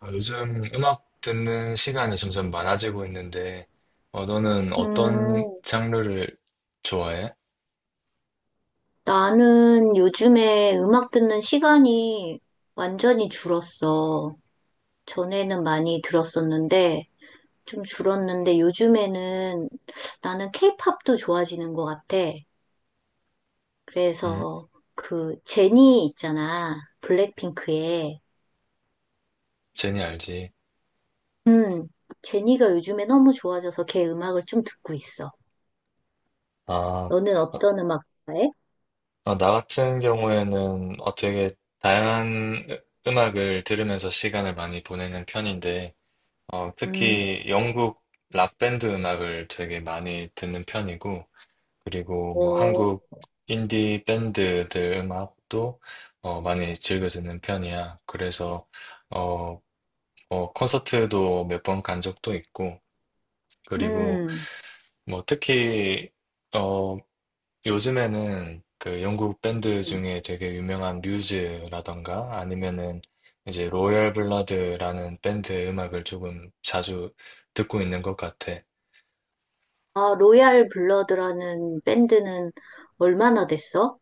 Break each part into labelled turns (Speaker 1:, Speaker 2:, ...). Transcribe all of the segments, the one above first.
Speaker 1: 요즘 음악 듣는 시간이 점점 많아지고 있는데, 너는 어떤
Speaker 2: 음,
Speaker 1: 장르를 좋아해?
Speaker 2: 나는 요즘에 음악 듣는 시간이 완전히 줄었어. 전에는 많이 들었었는데, 좀 줄었는데, 요즘에는 나는 케이팝도 좋아지는 것 같아.
Speaker 1: 음,
Speaker 2: 그래서 그 제니 있잖아. 블랙핑크의.
Speaker 1: 제니 알지?
Speaker 2: 음, 제니가 요즘에 너무 좋아져서 걔 음악을 좀 듣고 있어.
Speaker 1: 아,
Speaker 2: 너는
Speaker 1: 어,
Speaker 2: 어떤 음악 좋아해?
Speaker 1: 나 같은 경우에는 되게 다양한 음악을 들으면서 시간을 많이 보내는 편인데,
Speaker 2: 음.
Speaker 1: 특히 영국 락 밴드 음악을 되게 많이 듣는 편이고, 그리고 뭐
Speaker 2: 어,
Speaker 1: 한국 인디 밴드들 음악도 많이 즐겨 듣는 편이야. 그래서 어, 콘서트도 몇 번 간 적도 있고, 그리고
Speaker 2: 음.
Speaker 1: 뭐 특히 어, 요즘에는 그 영국 밴드 중에 되게 유명한 뮤즈라던가 아니면은 이제 로열 블러드라는 밴드 음악을 조금 자주 듣고 있는 것 같아.
Speaker 2: 아, 로얄 블러드라는 밴드는 얼마나 됐어?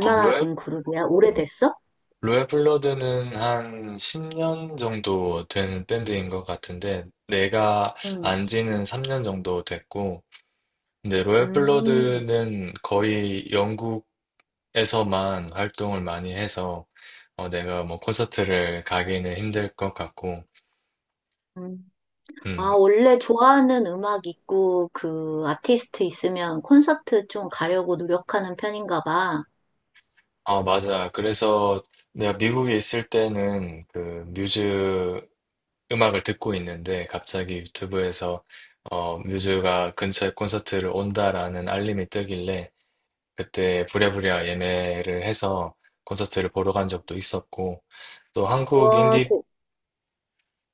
Speaker 1: 어, 로얄?
Speaker 2: 된 그룹이야? 오래됐어?
Speaker 1: 로얄 블러드는 한 10년 정도 된 밴드인 것 같은데, 내가
Speaker 2: 응.
Speaker 1: 안 지는 3년 정도 됐고, 근데 로얄
Speaker 2: 음.
Speaker 1: 블러드는 거의 영국에서만 활동을 많이 해서, 내가 뭐 콘서트를 가기는 힘들 것 같고,
Speaker 2: 음. 아,
Speaker 1: 음,
Speaker 2: 원래 좋아하는 음악 있고 그 아티스트 있으면 콘서트 좀 가려고 노력하는 편인가 봐.
Speaker 1: 아, 맞아. 그래서 내가 미국에 있을 때는 그 뮤즈 음악을 듣고 있는데 갑자기 유튜브에서 뮤즈가 근처에 콘서트를 온다라는 알림이 뜨길래 그때 부랴부랴 예매를 해서 콘서트를 보러 간 적도 있었고 또 한국
Speaker 2: 와,
Speaker 1: 인디
Speaker 2: 대,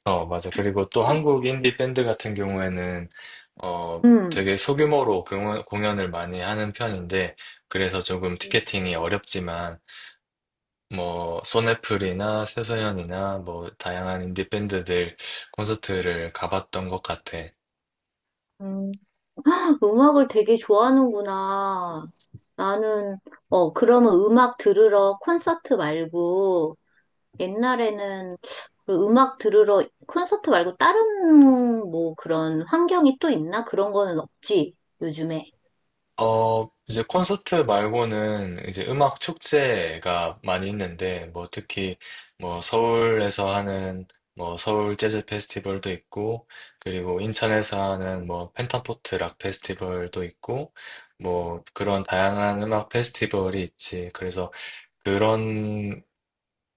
Speaker 1: 어 맞아 그리고 또
Speaker 2: 음.
Speaker 1: 한국 인디 밴드 같은 경우에는 어
Speaker 2: 음.
Speaker 1: 되게 소규모로 공연을 많이 하는 편인데 그래서 조금 티켓팅이 어렵지만 뭐 소네플이나 새소년이나 뭐 다양한 인디 밴드들 콘서트를 가봤던 것 같아.
Speaker 2: 음. 음악을 되게 좋아하는구나. 나는, 그러면 음악 들으러 콘서트 말고 옛날에는 그 음악 들으러 콘서트 말고 다른 뭐 그런 환경이 또 있나? 그런 거는 없지, 요즘에.
Speaker 1: 어, 이제 콘서트 말고는 이제 음악 축제가 많이 있는데 뭐 특히 뭐 서울에서 하는 뭐 서울 재즈 페스티벌도 있고 그리고 인천에서 하는 뭐 펜타포트 락 페스티벌도 있고 뭐 그런 다양한 음악 페스티벌이 있지. 그래서 그런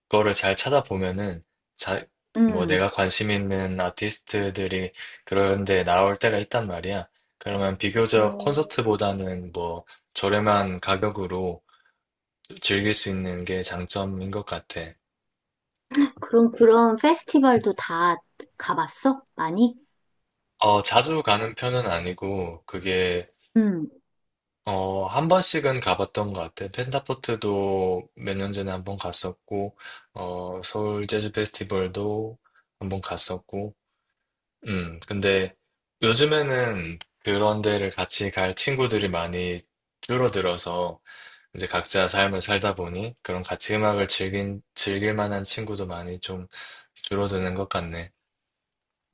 Speaker 1: 거를 잘 찾아보면은 자, 뭐
Speaker 2: 음.
Speaker 1: 내가 관심 있는 아티스트들이 그런 데 나올 때가 있단 말이야. 그러면 비교적
Speaker 2: 음.
Speaker 1: 콘서트보다는 뭐 저렴한 가격으로 즐길 수 있는 게 장점인 것 같아.
Speaker 2: 그럼 그런 페스티벌도 다 가봤어? 많이?
Speaker 1: 어, 자주 가는 편은 아니고 그게
Speaker 2: 음.
Speaker 1: 어, 한 번씩은 가봤던 것 같아. 펜타포트도 몇 년 전에 한번 갔었고, 서울 재즈 페스티벌도 한번 갔었고, 근데 요즘에는 그런 데를 같이 갈 친구들이 많이 줄어들어서 이제 각자 삶을 살다 보니 그런 같이 즐길 만한 친구도 많이 좀 줄어드는 것 같네.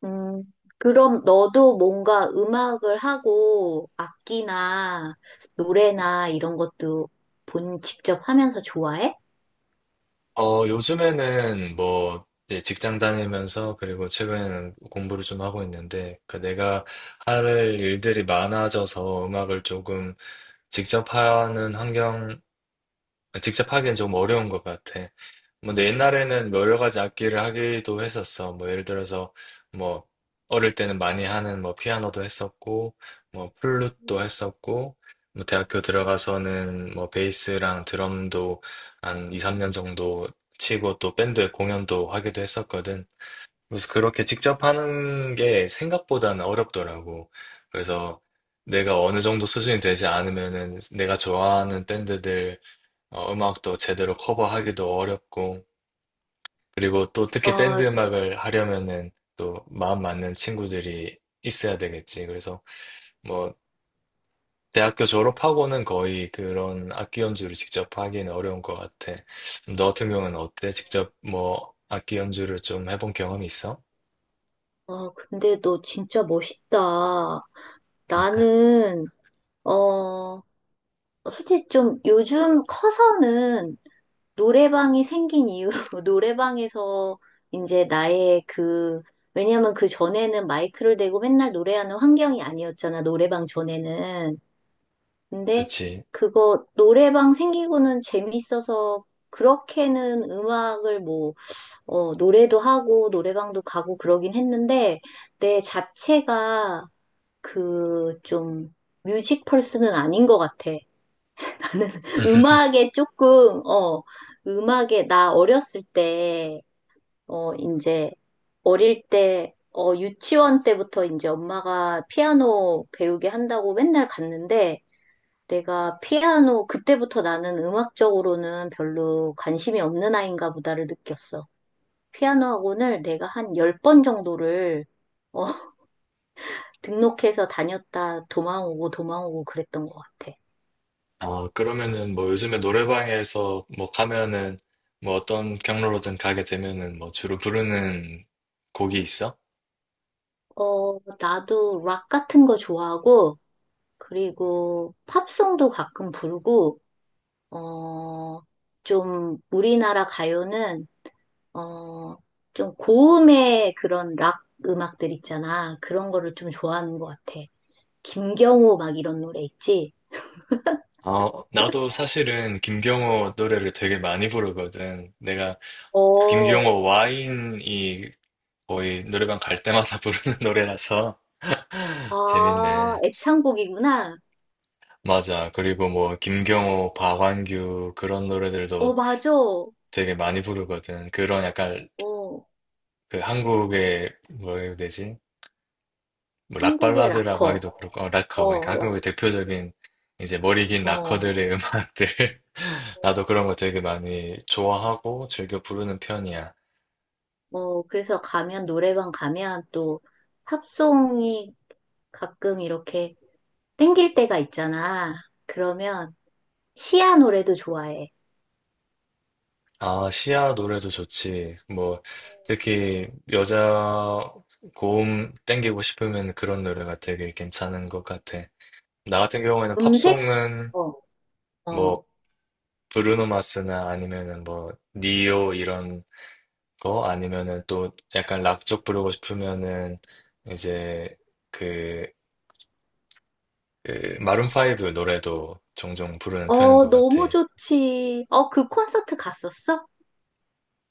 Speaker 2: 음. 그럼 너도 뭔가 음악을 하고 악기나 노래나 이런 것도 본 직접 하면서 좋아해?
Speaker 1: 어, 요즘에는 뭐 이제 직장 다니면서 그리고 최근에는 공부를 좀 하고 있는데 그 내가 할 일들이 많아져서 음악을 조금 직접 하는 환경, 직접 하기엔 좀 어려운 것 같아. 뭐, 내 옛날에는 뭐 여러 가지 악기를 하기도 했었어. 뭐, 예를 들어서, 뭐, 어릴 때는 많이 하는 뭐, 피아노도 했었고, 뭐, 플룻도 했었고, 뭐, 대학교 들어가서는 뭐, 베이스랑 드럼도 한 2, 3년 정도 치고 또 밴드 공연도 하기도 했었거든. 그래서 그렇게 직접 하는 게 생각보다는 어렵더라고. 그래서 내가 어느 정도 수준이 되지 않으면은 내가 좋아하는 밴드들 음악도 제대로 커버하기도 어렵고, 그리고 또 특히
Speaker 2: 아,
Speaker 1: 밴드 음악을 하려면은 또 마음 맞는 친구들이 있어야 되겠지. 그래서 뭐 대학교 졸업하고는 거의 그런 악기 연주를 직접 하기는 어려운 것 같아. 너 같은 경우는 어때? 직접 뭐 악기 연주를 좀 해본 경험이 있어?
Speaker 2: 아, 근데 너 진짜 멋있다. 나는, 어, 솔직히 좀 요즘 커서는 노래방이 생긴 이유, 노래방에서 이제 나의 그, 왜냐면 그 전에는 마이크를 대고 맨날 노래하는 환경이 아니었잖아, 노래방 전에는. 근데
Speaker 1: 그렇지.
Speaker 2: 그거 노래방 생기고는 재밌어서 그렇게는 음악을 뭐, 노래도 하고 노래방도 가고 그러긴 했는데 내 자체가 그 좀 뮤직 펄스는 아닌 것 같아. 음악에 조금, 어, 음악에, 나 어렸을 때, 어, 이제, 어릴 때, 어, 유치원 때부터 이제 엄마가 피아노 배우게 한다고 맨날 갔는데, 내가 피아노, 그때부터 나는 음악적으로는 별로 관심이 없는 아이인가 보다를 느꼈어. 피아노 학원을 내가 한 10번 정도를, 어, 등록해서 다녔다, 도망오고 도망오고 그랬던 것 같아.
Speaker 1: 어, 그러면은 뭐 요즘에 노래방에서 뭐 가면은 뭐 어떤 경로로든 가게 되면은 뭐 주로 부르는 곡이 있어?
Speaker 2: 어, 나도 락 같은 거 좋아하고, 그리고 팝송도 가끔 부르고, 어, 좀 우리나라 가요는, 어, 좀 고음의 그런 락 음악들 있잖아. 그런 거를 좀 좋아하는 것 같아. 김경호 막 이런 노래 있지?
Speaker 1: 어, 나도 사실은 김경호 노래를 되게 많이 부르거든. 내가
Speaker 2: 어,
Speaker 1: 김경호 와인이 거의 노래방 갈 때마다 부르는 노래라서
Speaker 2: 아,
Speaker 1: 재밌네.
Speaker 2: 애창곡이구나.
Speaker 1: 맞아. 그리고 뭐 김경호, 박완규 그런
Speaker 2: 어,
Speaker 1: 노래들도
Speaker 2: 맞아.
Speaker 1: 되게 많이 부르거든. 그런 약간
Speaker 2: 어,
Speaker 1: 그 한국의 뭐라 해야 되지? 뭐
Speaker 2: 한국의
Speaker 1: 락발라드라고
Speaker 2: 락커.
Speaker 1: 하기도 그렇고 어, 락커 그러니까
Speaker 2: 어, 락-
Speaker 1: 한국의 대표적인 이제 머리 긴
Speaker 2: 어,
Speaker 1: 락커들의 음악들 나도 그런 거 되게 많이 좋아하고 즐겨 부르는 편이야.
Speaker 2: 어, 그래서 가면, 노래방 가면 또 팝송이 가끔 이렇게 땡길 때가 있잖아. 그러면 시아 노래도 좋아해.
Speaker 1: 아, 시아 노래도 좋지. 뭐, 특히 여자 고음 땡기고 싶으면 그런 노래가 되게 괜찮은 것 같아. 나 같은 경우에는
Speaker 2: 음색?
Speaker 1: 팝송은
Speaker 2: 어,
Speaker 1: 뭐,
Speaker 2: 어.
Speaker 1: 브루노 마스나 아니면은 뭐, 니오 이런 거 아니면은 또 약간 락 쪽 부르고 싶으면은 이제 그, 그 마룬 파이브 노래도 종종 부르는 편인
Speaker 2: 어,
Speaker 1: 것 같아.
Speaker 2: 너무 좋지. 어, 그 콘서트 갔었어?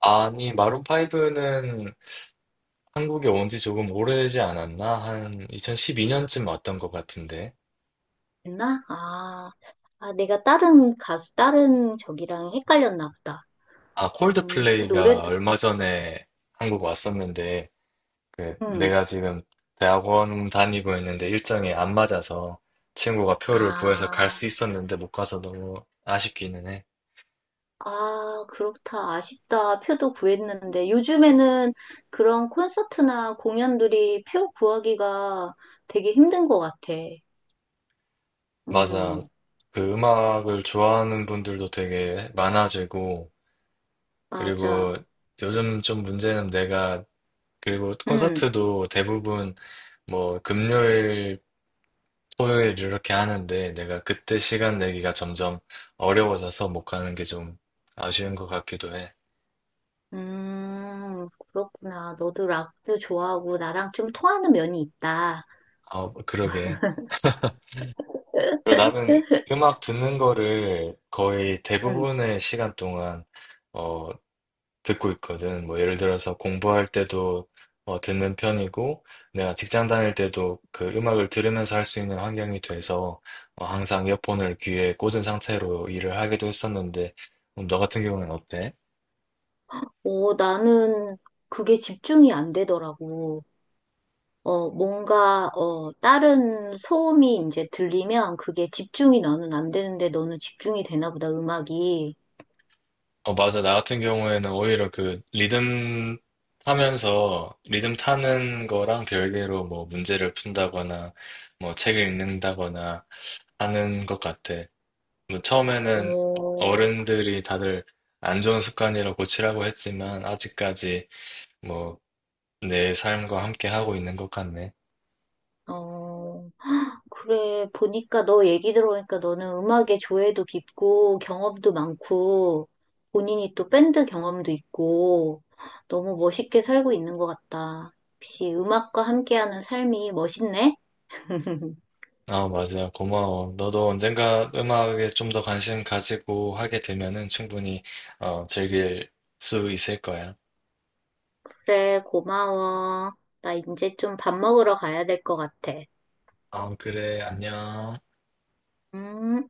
Speaker 1: 아니, 마룬 파이브는 한국에 온 지 조금 오래지 않았나? 한 2012년쯤 왔던 것 같은데.
Speaker 2: 했나? 아, 아, 내가 다른 가수, 다른 저기랑 헷갈렸나 보다.
Speaker 1: 아,
Speaker 2: 그
Speaker 1: 콜드플레이가
Speaker 2: 노래도,
Speaker 1: 얼마 전에 한국 왔었는데, 그,
Speaker 2: 음.
Speaker 1: 내가 지금 대학원 다니고 있는데 일정이 안 맞아서 친구가 표를 구해서 갈
Speaker 2: 아,
Speaker 1: 수 있었는데 못 가서 너무 아쉽기는 해.
Speaker 2: 아, 그렇다. 아쉽다. 표도 구했는데. 요즘에는 그런 콘서트나 공연들이 표 구하기가 되게 힘든 것 같아.
Speaker 1: 맞아.
Speaker 2: 음,
Speaker 1: 그 음악을 좋아하는 분들도 되게 많아지고,
Speaker 2: 맞아.
Speaker 1: 그리고 요즘 좀 문제는 내가, 그리고
Speaker 2: 음.
Speaker 1: 콘서트도 대부분 뭐 금요일 토요일 이렇게 하는데 내가 그때 시간 내기가 점점 어려워져서 못 가는 게 좀 아쉬운 것 같기도 해.
Speaker 2: 음, 그렇구나. 너도 락도 좋아하고 나랑 좀 통하는 면이 있다.
Speaker 1: 아, 그러게. 그리고 나는
Speaker 2: 네?
Speaker 1: 음악 듣는 거를 거의
Speaker 2: 응.
Speaker 1: 대부분의 시간 동안 어, 듣고 있거든. 뭐 예를 들어서 공부할 때도 듣는 편이고 내가 직장 다닐 때도 그 음악을 들으면서 할 수 있는 환경이 돼서 항상 이어폰을 귀에 꽂은 상태로 일을 하기도 했었는데 너 같은 경우는 어때?
Speaker 2: 어, 나는 그게 집중이 안 되더라고. 어, 뭔가, 어, 다른 소음이 이제 들리면 그게 집중이 나는 안 되는데 너는 집중이 되나 보다, 음악이.
Speaker 1: 어, 맞아. 나 같은 경우에는 오히려 그 리듬 타면서 리듬 타는 거랑 별개로 뭐 문제를 푼다거나 뭐 책을 읽는다거나 하는 것 같아. 뭐 처음에는
Speaker 2: 어,
Speaker 1: 어른들이 다들 안 좋은 습관이라 고치라고 했지만 아직까지 뭐 내 삶과 함께 하고 있는 것 같네.
Speaker 2: 어, 그래, 보니까 너 얘기 들어보니까 너는 음악에 조예도 깊고 경험도 많고 본인이 또 밴드 경험도 있고 너무 멋있게 살고 있는 것 같다. 역시 음악과 함께하는 삶이 멋있네?
Speaker 1: 아, 맞아. 고마워. 너도 언젠가 음악에 좀 더 관심 가지고 하게 되면은 충분히 즐길 수 있을 거야.
Speaker 2: 그래, 고마워. 나 이제 좀 밥 먹으러 가야 될 것 같아.
Speaker 1: 아, 그래, 안녕.
Speaker 2: 음.